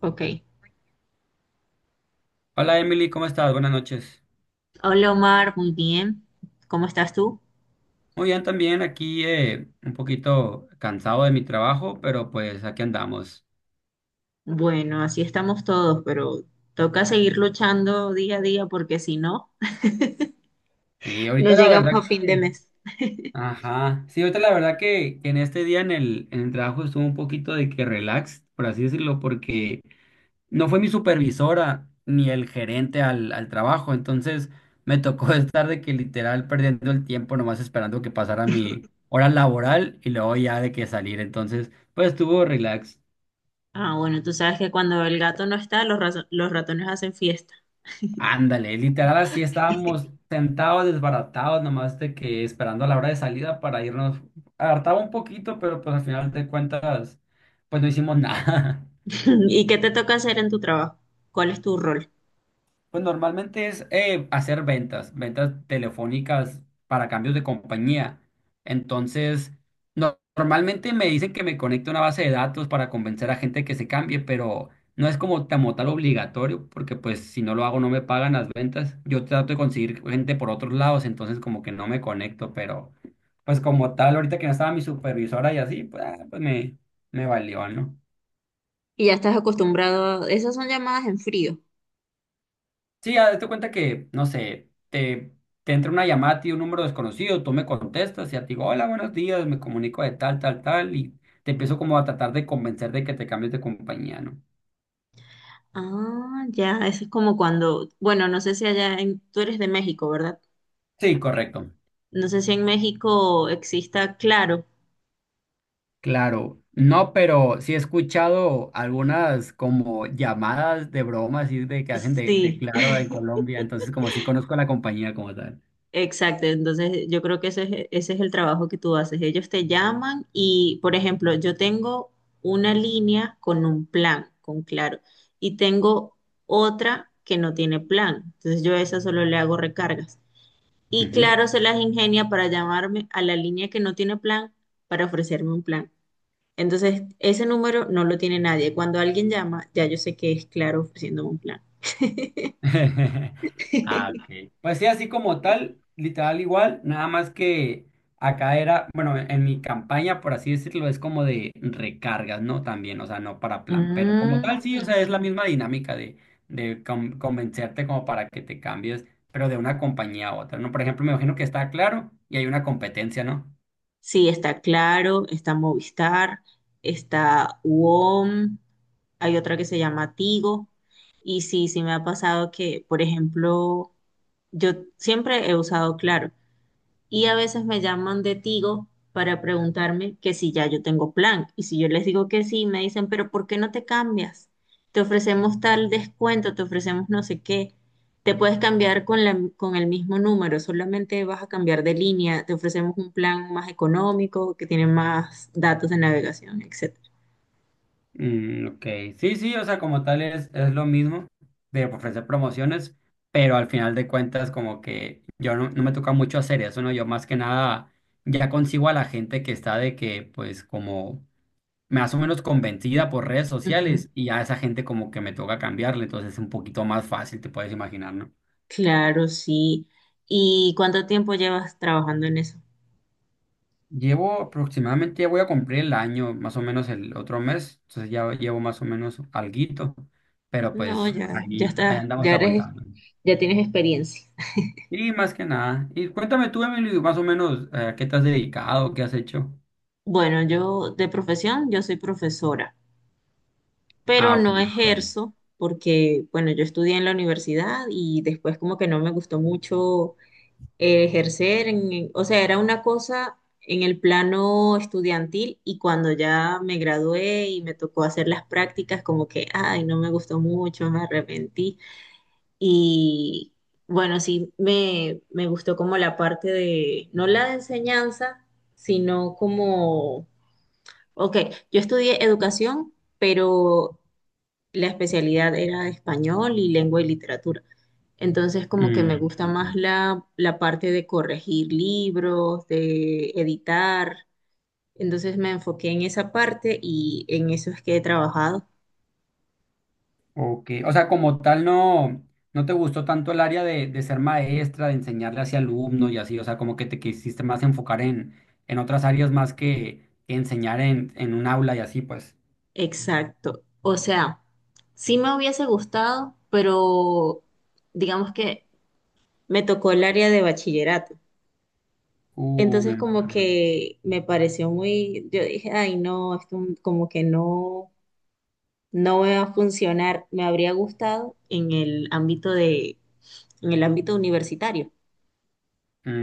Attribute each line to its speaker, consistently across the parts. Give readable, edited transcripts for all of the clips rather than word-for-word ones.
Speaker 1: Ok.
Speaker 2: Hola Emily, ¿cómo estás? Buenas noches.
Speaker 1: Hola Omar, muy bien. ¿Cómo estás tú?
Speaker 2: Muy bien, también aquí un poquito cansado de mi trabajo, pero pues aquí andamos.
Speaker 1: Bueno, así estamos todos, pero toca seguir luchando día a día porque si no,
Speaker 2: Sí,
Speaker 1: no
Speaker 2: ahorita la
Speaker 1: llegamos
Speaker 2: verdad
Speaker 1: a fin de
Speaker 2: que.
Speaker 1: mes.
Speaker 2: Ajá. Sí, ahorita la verdad que en este día en el trabajo estuvo un poquito de que relax, por así decirlo, porque no fue mi supervisora ni el gerente al trabajo, entonces me tocó estar de que literal perdiendo el tiempo nomás esperando que pasara mi hora laboral y luego ya de que salir, entonces pues estuvo relax.
Speaker 1: Ah, bueno, tú sabes que cuando el gato no está, los ratones hacen fiesta.
Speaker 2: Ándale, literal así estábamos sentados, desbaratados, nomás de que esperando a la hora de salida para irnos. Hartaba un poquito, pero pues al final de cuentas, pues no hicimos nada.
Speaker 1: ¿Y qué te toca hacer en tu trabajo? ¿Cuál es tu rol?
Speaker 2: Pues normalmente es hacer ventas, ventas telefónicas para cambios de compañía. Entonces, normalmente me dicen que me conecte a una base de datos para convencer a gente que se cambie, pero no es como, como tal obligatorio, porque pues si no lo hago no me pagan las ventas. Yo trato de conseguir gente por otros lados, entonces como que no me conecto, pero pues como tal, ahorita que no estaba mi supervisora y así, pues me valió, ¿no?
Speaker 1: Y ya estás acostumbrado, esas son llamadas en frío.
Speaker 2: Sí, ya date cuenta que, no sé, te entra una llamada a ti, un número desconocido, tú me contestas y ya te digo, hola, buenos días, me comunico de tal, tal, tal, y te empiezo como a tratar de convencer de que te cambies de compañía, ¿no?
Speaker 1: Ah, ya, eso es como cuando, bueno, no sé si tú eres de México, ¿verdad?
Speaker 2: Sí, correcto.
Speaker 1: No sé si en México exista Claro.
Speaker 2: Claro, no, pero sí he escuchado algunas como llamadas de broma, así de que hacen de
Speaker 1: Sí.
Speaker 2: Claro en Colombia, entonces como sí conozco la compañía como tal.
Speaker 1: Exacto, entonces yo creo que ese es el trabajo que tú haces. Ellos te llaman y, por ejemplo, yo tengo una línea con un plan, con claro, y tengo otra que no tiene plan. Entonces yo a esa solo le hago recargas. Y
Speaker 2: Ujú.
Speaker 1: claro, se las ingenia para llamarme a la línea que no tiene plan para ofrecerme un plan. Entonces, ese número no lo tiene nadie. Cuando alguien llama, ya yo sé que es claro ofreciéndome un plan.
Speaker 2: Ah, ok. Pues sí, así como tal, literal igual, nada más que acá era, bueno, en mi campaña, por así decirlo, es como de recargas, ¿no? También, o sea, no para plan, pero como
Speaker 1: Mm,
Speaker 2: tal, sí, o sea,
Speaker 1: ok.
Speaker 2: es la misma dinámica de convencerte como para que te cambies, pero de una compañía a otra, ¿no? Por ejemplo, me imagino que está claro y hay una competencia, ¿no?
Speaker 1: Sí, está Claro, está Movistar, está UOM, hay otra que se llama Tigo. Y sí, sí me ha pasado que, por ejemplo, yo siempre he usado Claro, y a veces me llaman de Tigo para preguntarme que si ya yo tengo plan. Y si yo les digo que sí, me dicen, pero ¿por qué no te cambias? Te ofrecemos tal descuento, te ofrecemos no sé qué. Te puedes cambiar con con el mismo número, solamente vas a cambiar de línea, te ofrecemos un plan más económico, que tiene más datos de navegación, etcétera.
Speaker 2: Mm, ok, sí, sí, o sea, como tal es lo mismo de ofrecer promociones, pero al final de cuentas como que yo no me toca mucho hacer eso, ¿no? Yo más que nada ya consigo a la gente que está de que pues como más o menos convencida por redes
Speaker 1: Ujú.
Speaker 2: sociales y a esa gente como que me toca cambiarle, entonces es un poquito más fácil, te puedes imaginar, ¿no?
Speaker 1: Claro, sí. ¿Y cuánto tiempo llevas trabajando en eso?
Speaker 2: Llevo aproximadamente, ya voy a cumplir el año, más o menos el otro mes, entonces ya llevo más o menos alguito, pero
Speaker 1: No,
Speaker 2: pues
Speaker 1: ya, ya
Speaker 2: ahí
Speaker 1: estás,
Speaker 2: andamos
Speaker 1: ya eres,
Speaker 2: aguantando.
Speaker 1: ya tienes experiencia.
Speaker 2: Y más que nada. Y cuéntame tú, Emily, más o menos, ¿a qué te has dedicado? ¿Qué has hecho?
Speaker 1: Bueno, yo de profesión, yo soy profesora, pero
Speaker 2: Ah, ok.
Speaker 1: no
Speaker 2: Ya está. Bien.
Speaker 1: ejerzo porque, bueno, yo estudié en la universidad y después como que no me gustó mucho ejercer, en- o sea, era una cosa en el plano estudiantil y cuando ya me gradué y me tocó hacer las prácticas, como que, ay, no me gustó mucho, me arrepentí. Y bueno, sí, me gustó como la parte de, no la de enseñanza, sino como, ok, yo estudié educación, pero la especialidad era español y lengua y literatura. Entonces, como que me
Speaker 2: Mm,
Speaker 1: gusta más
Speaker 2: ok.
Speaker 1: la parte de corregir libros, de editar. Entonces me enfoqué en esa parte y en eso es que he trabajado.
Speaker 2: Ok, o sea, como tal, no te gustó tanto el área de ser maestra, de enseñarle hacia alumnos y así. O sea, como que te quisiste más enfocar en otras áreas más que enseñar en un aula y así, pues.
Speaker 1: Exacto. O sea, sí me hubiese gustado, pero digamos que me tocó el área de bachillerato.
Speaker 2: Me
Speaker 1: Entonces como
Speaker 2: imagino.
Speaker 1: que me pareció muy, yo dije, ay no, esto como que no, no me va a funcionar. Me habría gustado en el ámbito de, en el ámbito universitario,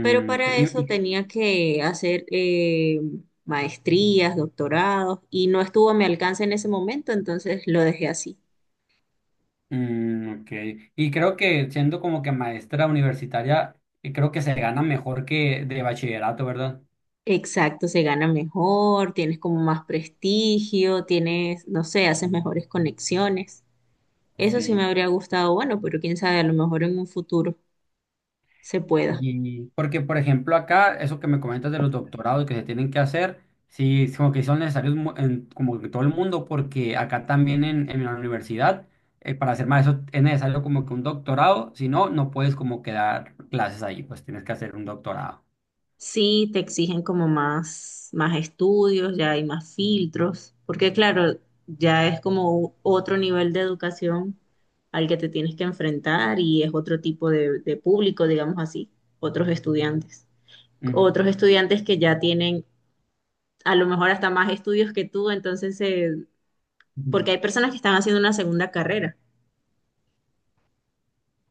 Speaker 1: pero
Speaker 2: ok.
Speaker 1: para eso
Speaker 2: Y-
Speaker 1: tenía que hacer maestrías, doctorados y no estuvo a mi alcance en ese momento, entonces lo dejé así.
Speaker 2: ok. Y creo que siendo como que maestra universitaria, creo que se gana mejor que de bachillerato, ¿verdad?
Speaker 1: Exacto, se gana mejor, tienes como más prestigio, tienes, no sé, haces mejores conexiones. Eso sí
Speaker 2: Sí,
Speaker 1: me habría gustado, bueno, pero quién sabe, a lo mejor en un futuro se pueda.
Speaker 2: y porque por ejemplo acá, eso que me comentas de los doctorados que se tienen que hacer, sí, es como que son necesarios en, como en todo el mundo, porque acá también en la universidad, para hacer maestro es necesario como que un doctorado, si no, no puedes como que dar clases ahí, pues tienes que hacer un doctorado.
Speaker 1: Sí, te exigen como más, más estudios, ya hay más filtros, porque claro, ya es como u- otro nivel de educación al que te tienes que enfrentar y es otro tipo de público, digamos así, otros estudiantes.
Speaker 2: Ujú.
Speaker 1: Otros estudiantes que ya tienen a lo mejor hasta más estudios que tú, entonces, porque hay personas que están haciendo una segunda carrera.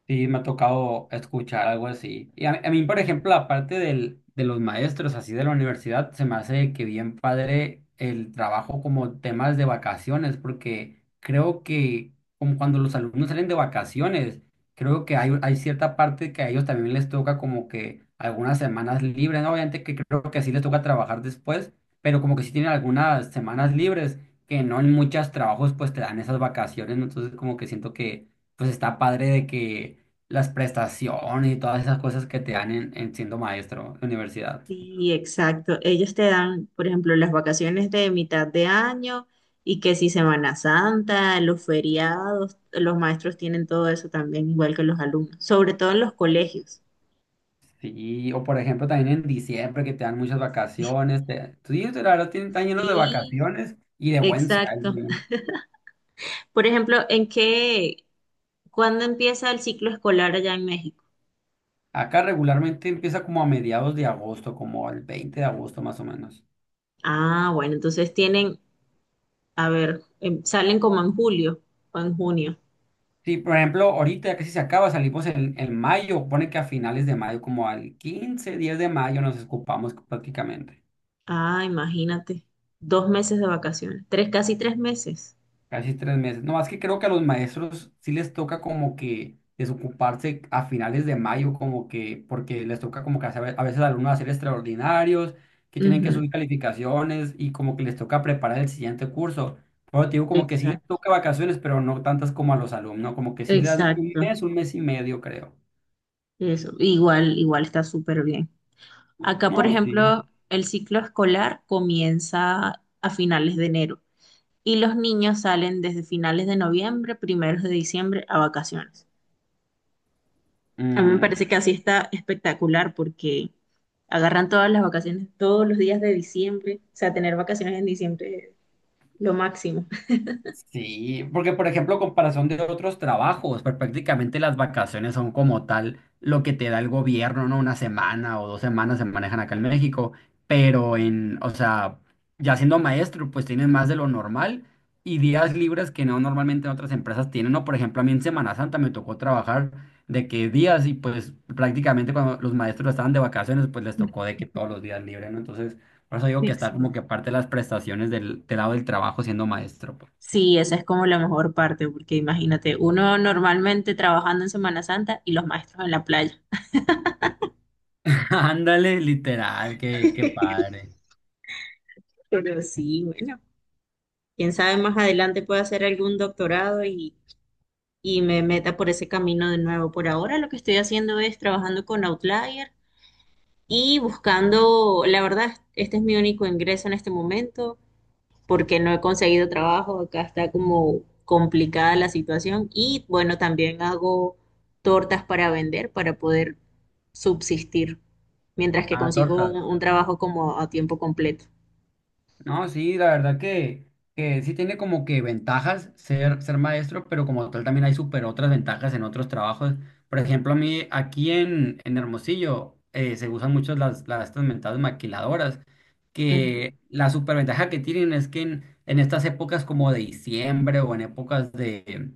Speaker 2: Sí, me ha tocado escuchar algo así. Y a mí, por ejemplo, aparte de los maestros así de la universidad, se me hace que bien padre el trabajo como temas de vacaciones, porque creo que como cuando los alumnos salen de vacaciones, creo que hay cierta parte que a ellos también les toca como que algunas semanas libres, ¿no? Obviamente que creo que sí les toca trabajar después, pero como que sí tienen algunas semanas libres, que no en muchos trabajos pues te dan esas vacaciones, ¿no? Entonces como que siento que pues está padre de que las prestaciones y todas esas cosas que te dan en siendo maestro de universidad.
Speaker 1: Sí, exacto. Ellos te dan, por ejemplo, las vacaciones de mitad de año y que si Semana Santa, los feriados, los maestros tienen todo eso también, igual que los alumnos, sobre todo en los colegios.
Speaker 2: Sí, o por ejemplo también en diciembre que te dan muchas vacaciones. Sí, la verdad están llenos de
Speaker 1: Sí,
Speaker 2: vacaciones y de buen
Speaker 1: exacto.
Speaker 2: sueldo.
Speaker 1: Por ejemplo, ¿cuándo empieza el ciclo escolar allá en México?
Speaker 2: Acá regularmente empieza como a mediados de agosto, como el 20 de agosto más o menos.
Speaker 1: Ah, bueno, entonces tienen, a ver, salen como en julio o en junio.
Speaker 2: Sí, por ejemplo, ahorita ya casi se acaba, salimos en mayo, pone que a finales de mayo, como al 15 10 de mayo nos escupamos prácticamente.
Speaker 1: Ah, imagínate, dos meses de vacaciones, tres, casi tres meses.
Speaker 2: Casi 3 meses. No, es que creo que a los maestros sí les toca como que desocuparse a finales de mayo, como que, porque les toca como que a veces a alumnos hacer extraordinarios, que tienen que
Speaker 1: Ujú.
Speaker 2: subir calificaciones y como que les toca preparar el siguiente curso. Pero te digo, como que sí les
Speaker 1: Exacto.
Speaker 2: toca vacaciones, pero no tantas como a los alumnos, como que sí dan
Speaker 1: Exacto,
Speaker 2: un mes y medio, creo.
Speaker 1: eso, igual, igual está súper bien. Acá, por
Speaker 2: No, sí.
Speaker 1: ejemplo, el ciclo escolar comienza a finales de enero y los niños salen desde finales de noviembre, primeros de diciembre a vacaciones. A mí me parece que así está espectacular porque agarran todas las vacaciones, todos los días de diciembre, o sea, tener vacaciones en diciembre es lo máximo.
Speaker 2: Sí, porque por ejemplo, comparación de otros trabajos, pues, prácticamente las vacaciones son como tal lo que te da el gobierno, ¿no? Una semana o dos semanas se manejan acá en México, pero o sea, ya siendo maestro, pues tienes más de lo normal y días libres que no normalmente en otras empresas tienen, ¿no? Por ejemplo, a mí en Semana Santa me tocó trabajar de que días y pues prácticamente cuando los maestros estaban de vacaciones, pues les tocó de que todos los días libres, ¿no? Entonces, por eso digo que está como
Speaker 1: Exacto.
Speaker 2: que parte de las prestaciones del lado del trabajo siendo maestro, pues.
Speaker 1: Sí, esa es como la mejor parte, porque imagínate, uno normalmente trabajando en Semana Santa y los maestros en la playa.
Speaker 2: Ándale, literal, qué padre.
Speaker 1: Pero sí, bueno, quién sabe, más adelante puedo hacer algún doctorado y me meta por ese camino de nuevo. Por ahora lo que estoy haciendo es trabajando con Outlier y buscando, la verdad, este es mi único ingreso en este momento porque no he conseguido trabajo, acá está como complicada la situación y bueno, también hago tortas para vender para poder subsistir mientras que
Speaker 2: Ah,
Speaker 1: consigo
Speaker 2: tortas.
Speaker 1: un trabajo como a tiempo completo.
Speaker 2: No, sí, la verdad que sí tiene como que ventajas ser maestro, pero como tal también hay súper otras ventajas en otros trabajos. Por ejemplo, a mí aquí en Hermosillo se usan mucho las estas mentadas maquiladoras, que la superventaja que tienen es que en estas épocas como de diciembre o en épocas de,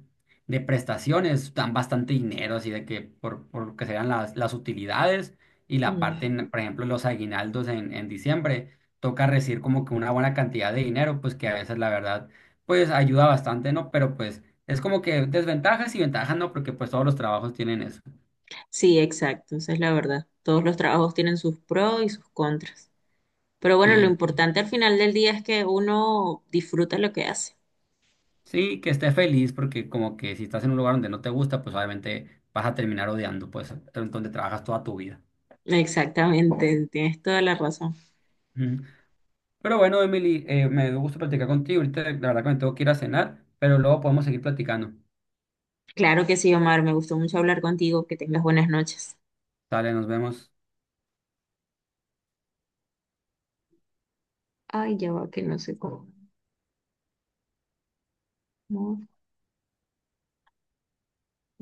Speaker 2: de prestaciones dan bastante dinero, así de que por lo que sean las utilidades y la parte, en,
Speaker 1: Ujú.
Speaker 2: por ejemplo, los aguinaldos en diciembre toca recibir como que una buena cantidad de dinero, pues que a veces la verdad, pues ayuda bastante, ¿no? Pero pues es como que desventajas y ventajas, ¿no? Porque pues todos los trabajos tienen eso.
Speaker 1: Sí, exacto, esa es la verdad. Todos los trabajos tienen sus pros y sus contras. Pero bueno, lo
Speaker 2: Y,
Speaker 1: importante al final del día es que uno disfruta lo que hace.
Speaker 2: sí, que esté feliz, porque como que si estás en un lugar donde no te gusta, pues obviamente vas a terminar odiando, pues, donde trabajas toda tu vida.
Speaker 1: Exactamente, tienes toda la razón.
Speaker 2: Ujú. Pero bueno, Emily, me dio gusto platicar contigo. Ahorita la verdad que me tengo que ir a cenar, pero luego podemos seguir platicando.
Speaker 1: Claro que sí, Omar, me gustó mucho hablar contigo. Que tengas buenas noches.
Speaker 2: Dale, nos vemos.
Speaker 1: Ay, ya va, que no sé cómo.